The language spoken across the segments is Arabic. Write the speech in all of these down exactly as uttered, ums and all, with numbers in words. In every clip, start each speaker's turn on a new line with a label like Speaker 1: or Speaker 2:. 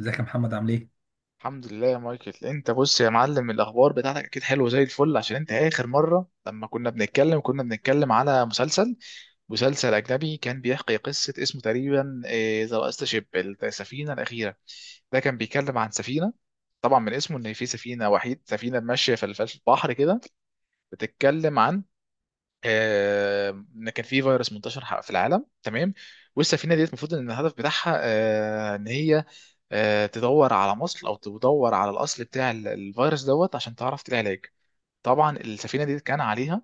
Speaker 1: ازيك يا محمد عامل ايه؟
Speaker 2: الحمد لله يا مايكل. انت بص يا معلم، الاخبار بتاعتك اكيد حلوه زي الفل. عشان انت اخر مره لما كنا بنتكلم كنا بنتكلم على مسلسل مسلسل اجنبي كان بيحكي قصه، اسمه تقريبا آه، ذا لاست شيب، السفينه الاخيره. ده كان بيتكلم عن سفينه، طبعا من اسمه ان في سفينه، وحيد سفينه ماشيه في الف- في البحر كده، بتتكلم عن آه، ان كان في فيروس منتشر ح- في العالم، تمام. والسفينه ديت المفروض ان الهدف بتاعها، آه، ان هي آه، تدور على مصل او تدور على الاصل بتاع ال- الفيروس دوت، عشان تعرف تلاقي علاج. طبعا السفينه دي كان عليها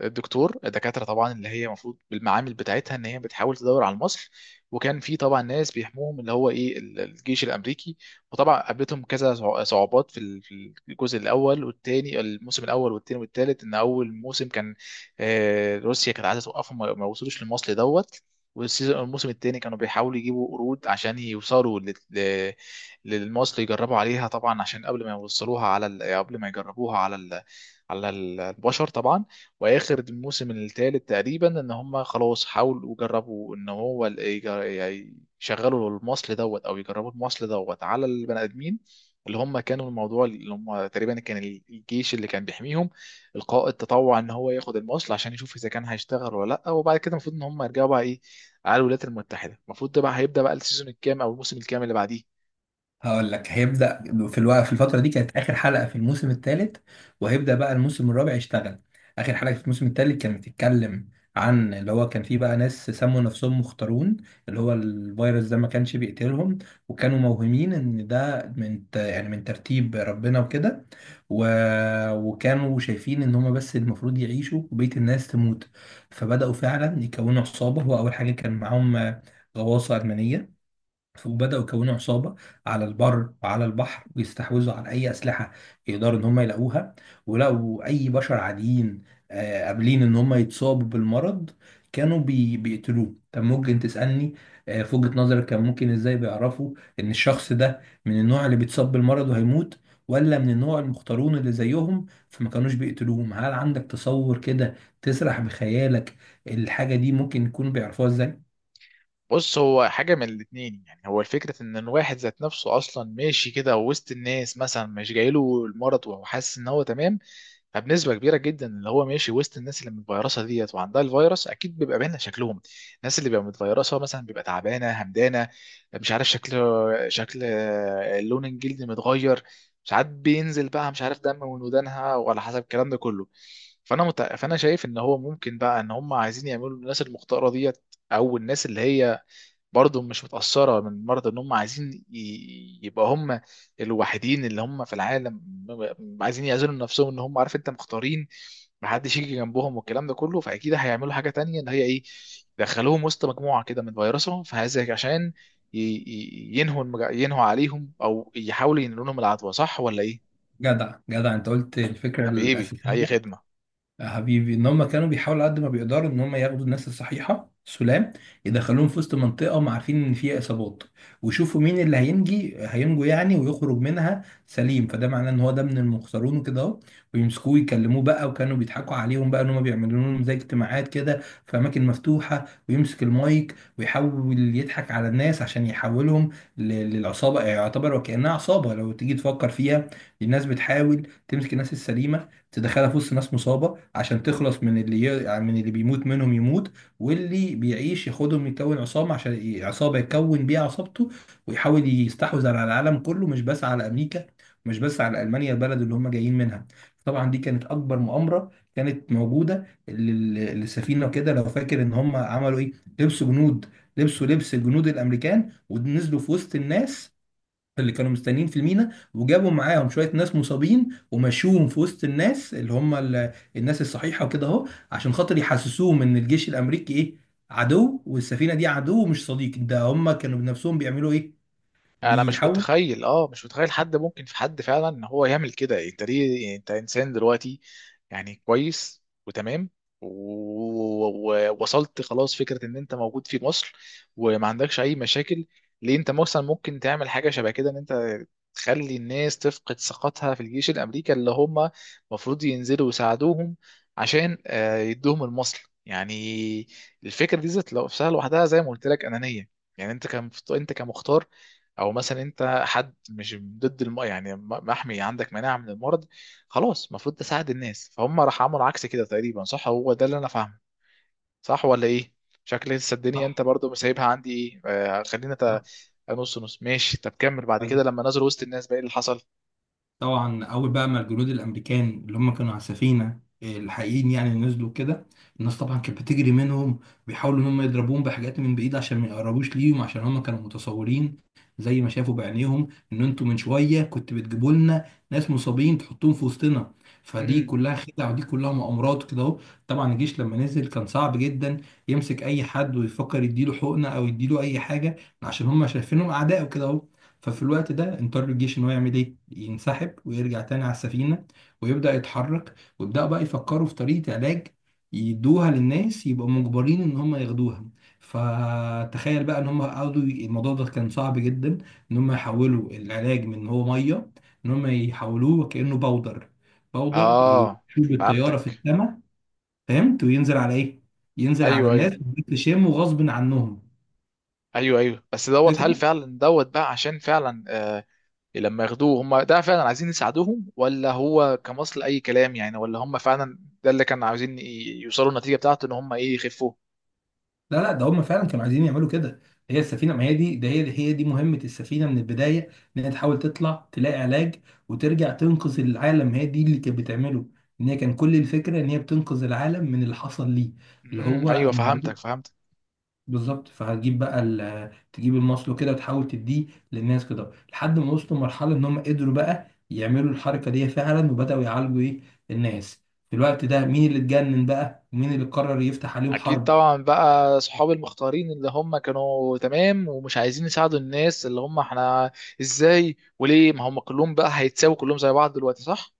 Speaker 2: الدكتور الدكاتره طبعا، اللي هي المفروض بالمعامل بتاعتها ان هي بتحاول تدور على المصل. وكان في طبعا ناس بيحموهم، اللي هو ايه، ال- الجيش الامريكي. وطبعا قابلتهم كذا صع- صعوبات في ال- في الجزء الاول والثاني، الموسم الاول والثاني والثالث. ان اول موسم كان، آه، روسيا كانت عايزه توقفهم، ما ما وصلوش للمصل دوت. والسيزون الموسم الثاني كانوا بيحاولوا يجيبوا قرود عشان يوصلوا لل- ل- للمصل، يجربوا عليها طبعا عشان قبل ما يوصلوها على ال- قبل ما يجربوها على ال- على ال- البشر طبعا. واخر الموسم الثالث تقريبا ان هم خلاص حاولوا وجربوا ان هو ال- يج- يعني يشغلوا المصل دوت او يجربوا المصل دوت على البني ادمين. اللي هم كانوا الموضوع، اللي هم تقريبا كان الجيش اللي كان بيحميهم. القائد تطوع ان هو ياخد المصل عشان يشوف اذا كان هيشتغل ولا لا. وبعد كده المفروض ان هم يرجعوا بقى ايه، على الولايات المتحده. المفروض ده بقى هيبدا بقى السيزون الكام او الموسم الكام اللي بعديه؟
Speaker 1: هقول لك هيبدأ. في الوقت، في الفترة دي كانت آخر حلقة في الموسم الثالث، وهيبدأ بقى الموسم الرابع يشتغل. آخر حلقة في الموسم الثالث كانت بتتكلم عن اللي هو كان فيه بقى ناس سموا نفسهم مختارون. اللي هو الفيروس ده ما كانش بيقتلهم، وكانوا موهمين ان ده من ت- يعني من ترتيب ربنا وكده، و... وكانوا شايفين ان هما بس المفروض يعيشوا وبقية الناس تموت. فبدأوا فعلا يكونوا عصابة. هو أول حاجة كان معاهم آه، غواصة ألمانية، وبدأوا يكونوا عصابة على البر وعلى البحر، ويستحوذوا على أي أسلحة يقدروا إن هم يلاقوها. ولقوا أي بشر عاديين آه، قابلين إن هم يتصابوا بالمرض كانوا بي... بيقتلوه. طب ممكن تسألني آه، في وجهة نظرك كان ممكن إزاي بيعرفوا إن الشخص ده من النوع اللي بيتصاب بالمرض وهيموت، ولا من النوع المختارون اللي زيهم فما كانوش بيقتلوهم؟ هل عندك تصور كده تسرح بخيالك الحاجة دي ممكن يكونوا بيعرفوها إزاي؟
Speaker 2: بص، هو حاجة من الاتنين. يعني هو الفكرة ان الواحد ذات نفسه اصلا ماشي كده وسط الناس، مثلا مش جايله المرض وهو حاسس ان هو تمام. فبنسبة كبيرة جدا، اللي هو ماشي وسط الناس اللي متفيرسة ديت وعندها الفيروس، اكيد بيبقى باين شكلهم. الناس اللي بيبقى متفيرسة مثلا بيبقى تعبانة همدانة، مش عارف، شكل شكل لون الجلد متغير، ساعات بينزل بقى مش عارف دم من ودانها، وعلى حسب الكلام ده كله. فانا مت... فانا شايف ان هو ممكن بقى ان هم عايزين يعملوا الناس المختارة ديت، او الناس اللي هي برضه مش متأثرة من مرض، ان هم عايزين ي- يبقى هم الوحيدين اللي هم في العالم. م- عايزين يعزلوا نفسهم، ان هم عارف انت مختارين، محدش يجي جنبهم والكلام ده كله. فاكيد هيعملوا حاجة تانية، ان هي ايه، يدخلوهم وسط مجموعة كده من فيروسهم، فهذا عشان ي- ي- ينهوا المج... ينهوا عليهم، او يحاولوا ينقلوا لهم العدوى، صح ولا ايه؟
Speaker 1: جدع جدع، انت قلت الفكرة
Speaker 2: حبيبي، اي
Speaker 1: الأساسية.
Speaker 2: خدمة.
Speaker 1: يا حبيبي ان هم كانوا بيحاولوا قد ما بيقدروا ان هم ياخدوا الناس الصحيحه سلام، يدخلوهم في وسط منطقه هم عارفين ان فيها اصابات، ويشوفوا مين اللي هينجي هينجو يعني، ويخرج منها سليم. فده معناه ان هو ده من المخسرون وكده اهو، ويمسكوه يكلموه بقى. وكانوا بيضحكوا عليهم بقى ان هم بيعملوا لهم زي اجتماعات كده في اماكن مفتوحه، ويمسك المايك ويحاول يضحك على الناس عشان يحولهم ل- للعصابه. يعني يعتبر وكانها عصابه لو تيجي تفكر فيها، الناس بتحاول تمسك الناس السليمه تدخلها في وسط ناس مصابه عشان تخلص من اللي ي... يعني من اللي بيموت منهم يموت، واللي بيعيش ياخدهم يكون عصابه عشان ي- عصابه يكون بيها عصابته، ويحاول يستحوذ على العالم كله، مش بس على امريكا، مش بس على المانيا البلد اللي هم جايين منها. طبعا دي كانت اكبر مؤامره كانت موجوده لل- للسفينه. وكده لو فاكر ان هم عملوا ايه، لبسوا جنود، لبسوا لبس جنود الامريكان ونزلوا في وسط الناس اللي كانوا مستنيين في المينا، وجابوا معاهم شويه ناس مصابين ومشوهم في وسط الناس اللي هم ال- الناس الصحيحه وكده اهو، عشان خاطر يحسسوهم ان الجيش الامريكي ايه، عدو، والسفينه دي عدو مش صديق. ده هم كانوا بنفسهم بيعملوا ايه،
Speaker 2: انا مش
Speaker 1: بيحاولوا.
Speaker 2: متخيل، اه مش متخيل حد ممكن، في حد فعلا ان هو يعمل كده؟ يعني انت ليه؟ يعني انت انسان دلوقتي، يعني كويس وتمام، ووصلت خلاص فكرة ان انت موجود في مصر، وما عندكش اي مشاكل. ليه انت مثلا ممكن تعمل حاجة شبه كده، ان انت تخلي الناس تفقد ثقتها في الجيش الامريكي، اللي هم المفروض ينزلوا يساعدوهم عشان آه، يدوهم المصل؟ يعني الفكرة دي ذات لو- نفسها لوحدها، زي ما قلت لك، انانية. يعني انت كان انت كمختار، او مثلا انت حد مش ضد الم... يعني م- محمي، عندك مناعه من المرض، خلاص المفروض تساعد الناس. فهم راح عملوا عكس كده تقريبا، صح؟ هو ده اللي انا فاهمه، صح ولا ايه؟ شكل لسه الدنيا
Speaker 1: صح،
Speaker 2: انت برضو سايبها عندي ايه، آه خلينا ت...
Speaker 1: صح،
Speaker 2: نص نص. ماشي، طب كمل بعد
Speaker 1: أيوة.
Speaker 2: كده. لما نزلوا وسط الناس بقى ايه اللي حصل؟
Speaker 1: طبعا اول بقى ما الجنود الامريكان اللي هم كانوا على السفينه الحقيقيين يعني نزلوا كده، الناس طبعا كانت بتجري منهم، بيحاولوا ان هم يضربوهم بحاجات من بعيد عشان ما يقربوش ليهم، عشان هم كانوا متصورين زي ما شافوا بعينيهم ان انتوا من شويه كنت بتجيبوا لنا ناس مصابين تحطوهم في وسطنا. فدي
Speaker 2: امم.
Speaker 1: كلها خدع ودي كلها مؤامرات كده اهو. طبعا الجيش لما نزل كان صعب جدا يمسك اي حد ويفكر يديله حقنه او يديله اي حاجه، عشان هم شايفينهم اعداء وكده اهو. ففي الوقت ده اضطر الجيش ان هو يعمل ايه، ينسحب ويرجع تاني على السفينه، ويبدا يتحرك، ويبداوا بقى يفكروا في طريقه علاج يدوها للناس يبقوا مجبرين ان هم ياخدوها. فتخيل بقى ان هم قعدوا ي- الموضوع ده كان صعب جدا ان هم يحولوا العلاج من إن هو ميه، ان هم يحولوه كانه باودر، باودر
Speaker 2: اه،
Speaker 1: يشوف الطياره في
Speaker 2: فهمتك.
Speaker 1: السماء. فهمت وينزل على ايه، ينزل على
Speaker 2: ايوه،
Speaker 1: الناس
Speaker 2: ايوه.
Speaker 1: ويشموا غصب عنهم.
Speaker 2: ايوه، ايوه، بس دوت، هل
Speaker 1: فاكر؟
Speaker 2: فعلا دوت بقى عشان فعلا، آه، لما ياخدوه هم، ده فعلا عايزين يساعدوهم، ولا هو كمصل اي كلام يعني؟ ولا هم فعلا ده اللي كانوا عاوزين ي- يوصلوا النتيجه بتاعته، ان هم ايه، يخفوه؟
Speaker 1: لا لا، ده هم فعلا كانوا عايزين يعملوا كده. هي السفينه ما هي دي، ده هي هي دي مهمه السفينه من البدايه، ان هي تحاول تطلع تلاقي علاج وترجع تنقذ العالم. هي دي اللي كانت بتعمله، ان هي كان كل الفكره ان هي بتنقذ العالم من اللي حصل ليه. اللي
Speaker 2: امم،
Speaker 1: هو
Speaker 2: ايوه،
Speaker 1: انا هروح.
Speaker 2: فهمتك فهمتك
Speaker 1: بالظبط، فهتجيب بقى ال- تجيب المصل كده وتحاول تديه للناس كده لحد ما وصلوا لمرحله ان هم قدروا بقى يعملوا الحركه دي فعلا، وبداوا يعالجوا ايه، الناس. في الوقت ده مين اللي اتجنن بقى ومين اللي قرر يفتح عليهم
Speaker 2: اكيد
Speaker 1: حرب؟
Speaker 2: طبعا بقى، اصحاب المختارين اللي هم كانوا تمام ومش عايزين يساعدوا الناس، اللي هم احنا، ازاي وليه؟ ما هم كلهم بقى هيتساووا كلهم زي بعض دلوقتي، صح؟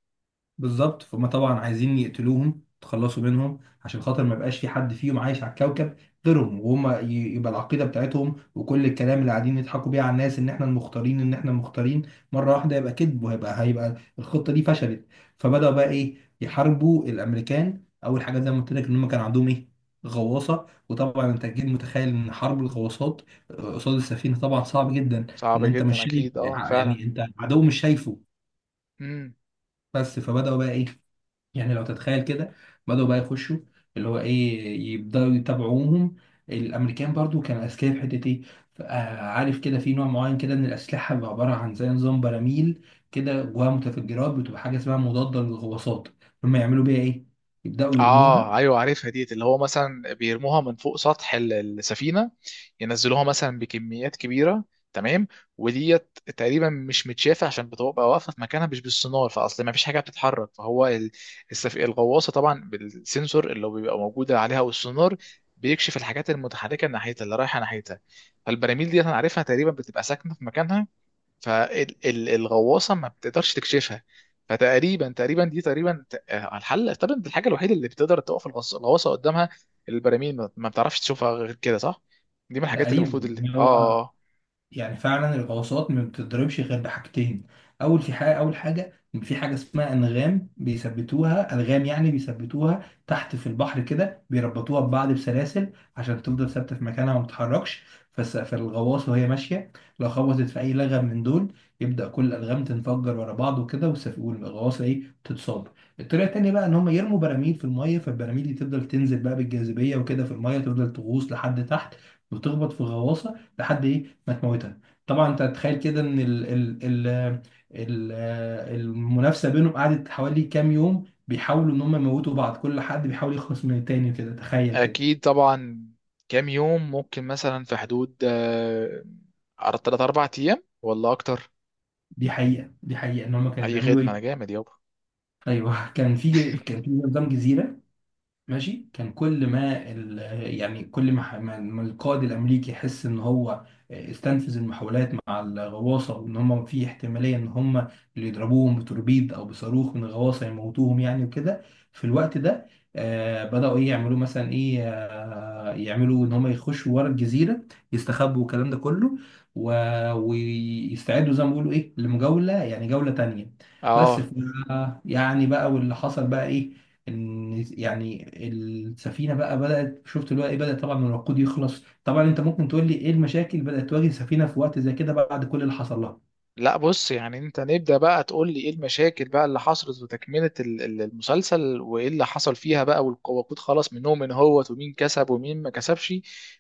Speaker 1: بالظبط، فهم طبعا عايزين يقتلوهم تخلصوا منهم عشان خاطر ما يبقاش في حد فيهم عايش على الكوكب غيرهم. وهم ي- يبقى العقيدة بتاعتهم وكل الكلام اللي قاعدين يضحكوا بيه على الناس ان احنا المختارين، ان احنا المختارين مرة واحدة يبقى كذب، وهيبقى هيبقى الخطة دي فشلت. فبدأوا بقى ايه، يحاربوا الامريكان. اول حاجة زي ما قلت لك ان هم كان عندهم ايه، غواصة. وطبعا انت اكيد متخيل ان حرب الغواصات آه، قصاد السفينة طبعا صعب جدا،
Speaker 2: صعب
Speaker 1: ان انت
Speaker 2: جدا
Speaker 1: مش شايف،
Speaker 2: اكيد، اه فعلا.
Speaker 1: يعني انت عدو مش شايفه.
Speaker 2: امم.
Speaker 1: بس فبدأوا بقى ايه، يعني لو تتخيل كده، بدأوا بقى يخشوا اللي هو ايه، يبدأوا يتابعوهم. الامريكان برضو كانوا اذكياء في حته ايه، ف- آه، عارف كده في نوع معين كده من الاسلحه بيبقى عباره عن زي نظام براميل كده جواها متفجرات، بتبقى حاجه اسمها مضاده للغواصات. هم يعملوا بيها ايه، يبدأوا يرموها.
Speaker 2: اه، ايوه، عارفها ديت، اللي هو مثلا بيرموها من فوق سطح ال- السفينه، ينزلوها مثلا بكميات كبيره، تمام. وديت تقريبا مش متشافه عشان بتبقى واقفه في مكانها، مش بالسونار فاصل، ما فيش حاجه بتتحرك. فهو ال- السف... الغواصه طبعا بالسنسور اللي بيبقى موجود عليها والسونار بيكشف الحاجات المتحركه ناحيتها اللي رايحه ناحيتها. فالبراميل ديت انا عارفها تقريبا بتبقى ساكنه في مكانها، فالغواصه ما بتقدرش تكشفها. فتقريبا تقريبا دي تقريبا ت- آه، الحل طبعا، الحاجه الوحيده اللي بتقدر توقف الغص- الغواصه قدامها. البراميل ما ما بتعرفش تشوفها غير كده، صح؟ دي من الحاجات اللي المفروض،
Speaker 1: تقريبا
Speaker 2: اللي
Speaker 1: إن
Speaker 2: اه
Speaker 1: هو،
Speaker 2: آه.
Speaker 1: يعني فعلا الغواصات ما بتضربش غير بحاجتين. اول في حاجه، اول حاجه إن في حاجه اسمها انغام، بيثبتوها الغام، يعني بيثبتوها تحت في البحر كده، بيربطوها ببعض بسلاسل عشان تفضل ثابته في مكانها وما تتحركش. فس- فالغواصه وهي ماشيه لو خبطت في اي لغم من دول، يبدا كل الالغام تنفجر ورا بعض وكده، والسف- والغواصه ايه، تتصاب. الطريقه التانيه بقى ان هم يرموا براميل في الميه، فالبراميل دي تفضل تنزل بقى بالجاذبيه وكده في الميه، تفضل تغوص لحد تحت وتخبط في غواصه لحد ايه ما تموتها. طبعا انت تتخيل كده ان ال ال ال ال المنافسه بينهم قعدت حوالي كام يوم بيحاولوا ان هم يموتوا بعض، كل حد بيحاول يخلص من التاني وكده، تخيل
Speaker 2: آه،
Speaker 1: كده.
Speaker 2: اكيد طبعا. كام يوم ممكن مثلا في حدود آه، تلاته اربعة ايام ولا اكتر؟
Speaker 1: دي حقيقه، دي حقيقه ان هم كانوا
Speaker 2: اي
Speaker 1: بيعملوا
Speaker 2: خدمه، انا
Speaker 1: ايه.
Speaker 2: جامد يابا.
Speaker 1: ايوه كان في، كان في نظام جزيره ماشي. كان كل ما ال... يعني كل ما, ح- ما ما القائد الامريكي يحس ان هو آه، استنفذ المحاولات مع الغواصه، وان هم في احتماليه ان هم اللي يضربوهم بتوربيد او بصاروخ من الغواصه يموتوهم يعني وكده. في الوقت ده آه بداوا ايه يعملوا، مثلا ايه، آه يعملوا ان هم يخشوا ورا الجزيره يستخبوا والكلام ده كله، و... ويستعدوا زي ما بيقولوا ايه، لمجوله، يعني جوله تانيه. بس
Speaker 2: اه
Speaker 1: ف... يعني بقى واللي حصل بقى ايه، ان يعني السفينه بقى بدات شفت اللي هو ايه، بدات طبعا من الوقود يخلص. طبعا انت ممكن تقول لي ايه المشاكل بدات تواجه السفينه في وقت زي كده بعد كل اللي حصل لها؟
Speaker 2: لا بص، يعني انت نبدأ بقى تقول لي ايه المشاكل بقى اللي حصلت وتكملة ال- ال- المسلسل، وايه اللي حصل فيها بقى، والق- والوقود خلص منهم، من هو، ومين كسب ومين ما كسبش؟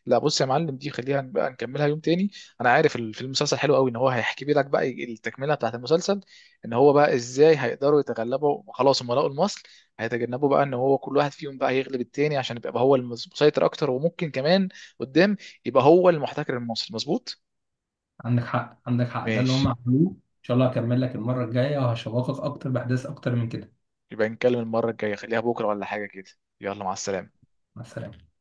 Speaker 2: لا بص يا معلم، دي خليها بقى نكملها يوم تاني. انا عارف ال- في المسلسل حلو قوي، ان هو هيحكي لك بقى التكملة بتاعت المسلسل، ان هو بقى ازاي هيقدروا يتغلبوا. خلاص هم لقوا المصل. هيتجنبوا بقى ان هو كل واحد فيهم بقى يغلب التاني، عشان يبقى هو المسيطر اكتر، وممكن كمان قدام يبقى هو المحتكر المصري، مظبوط.
Speaker 1: عندك حق، عندك حق. ده اللي
Speaker 2: ماشي،
Speaker 1: هم عملوه. ان شاء الله هكمل لك المره الجايه وهشوقك اكتر باحداث اكتر من كده.
Speaker 2: يبقى نتكلم المرة الجاية، خليها بكرة ولا حاجة كده. يلا، مع السلامة.
Speaker 1: مع السلامه.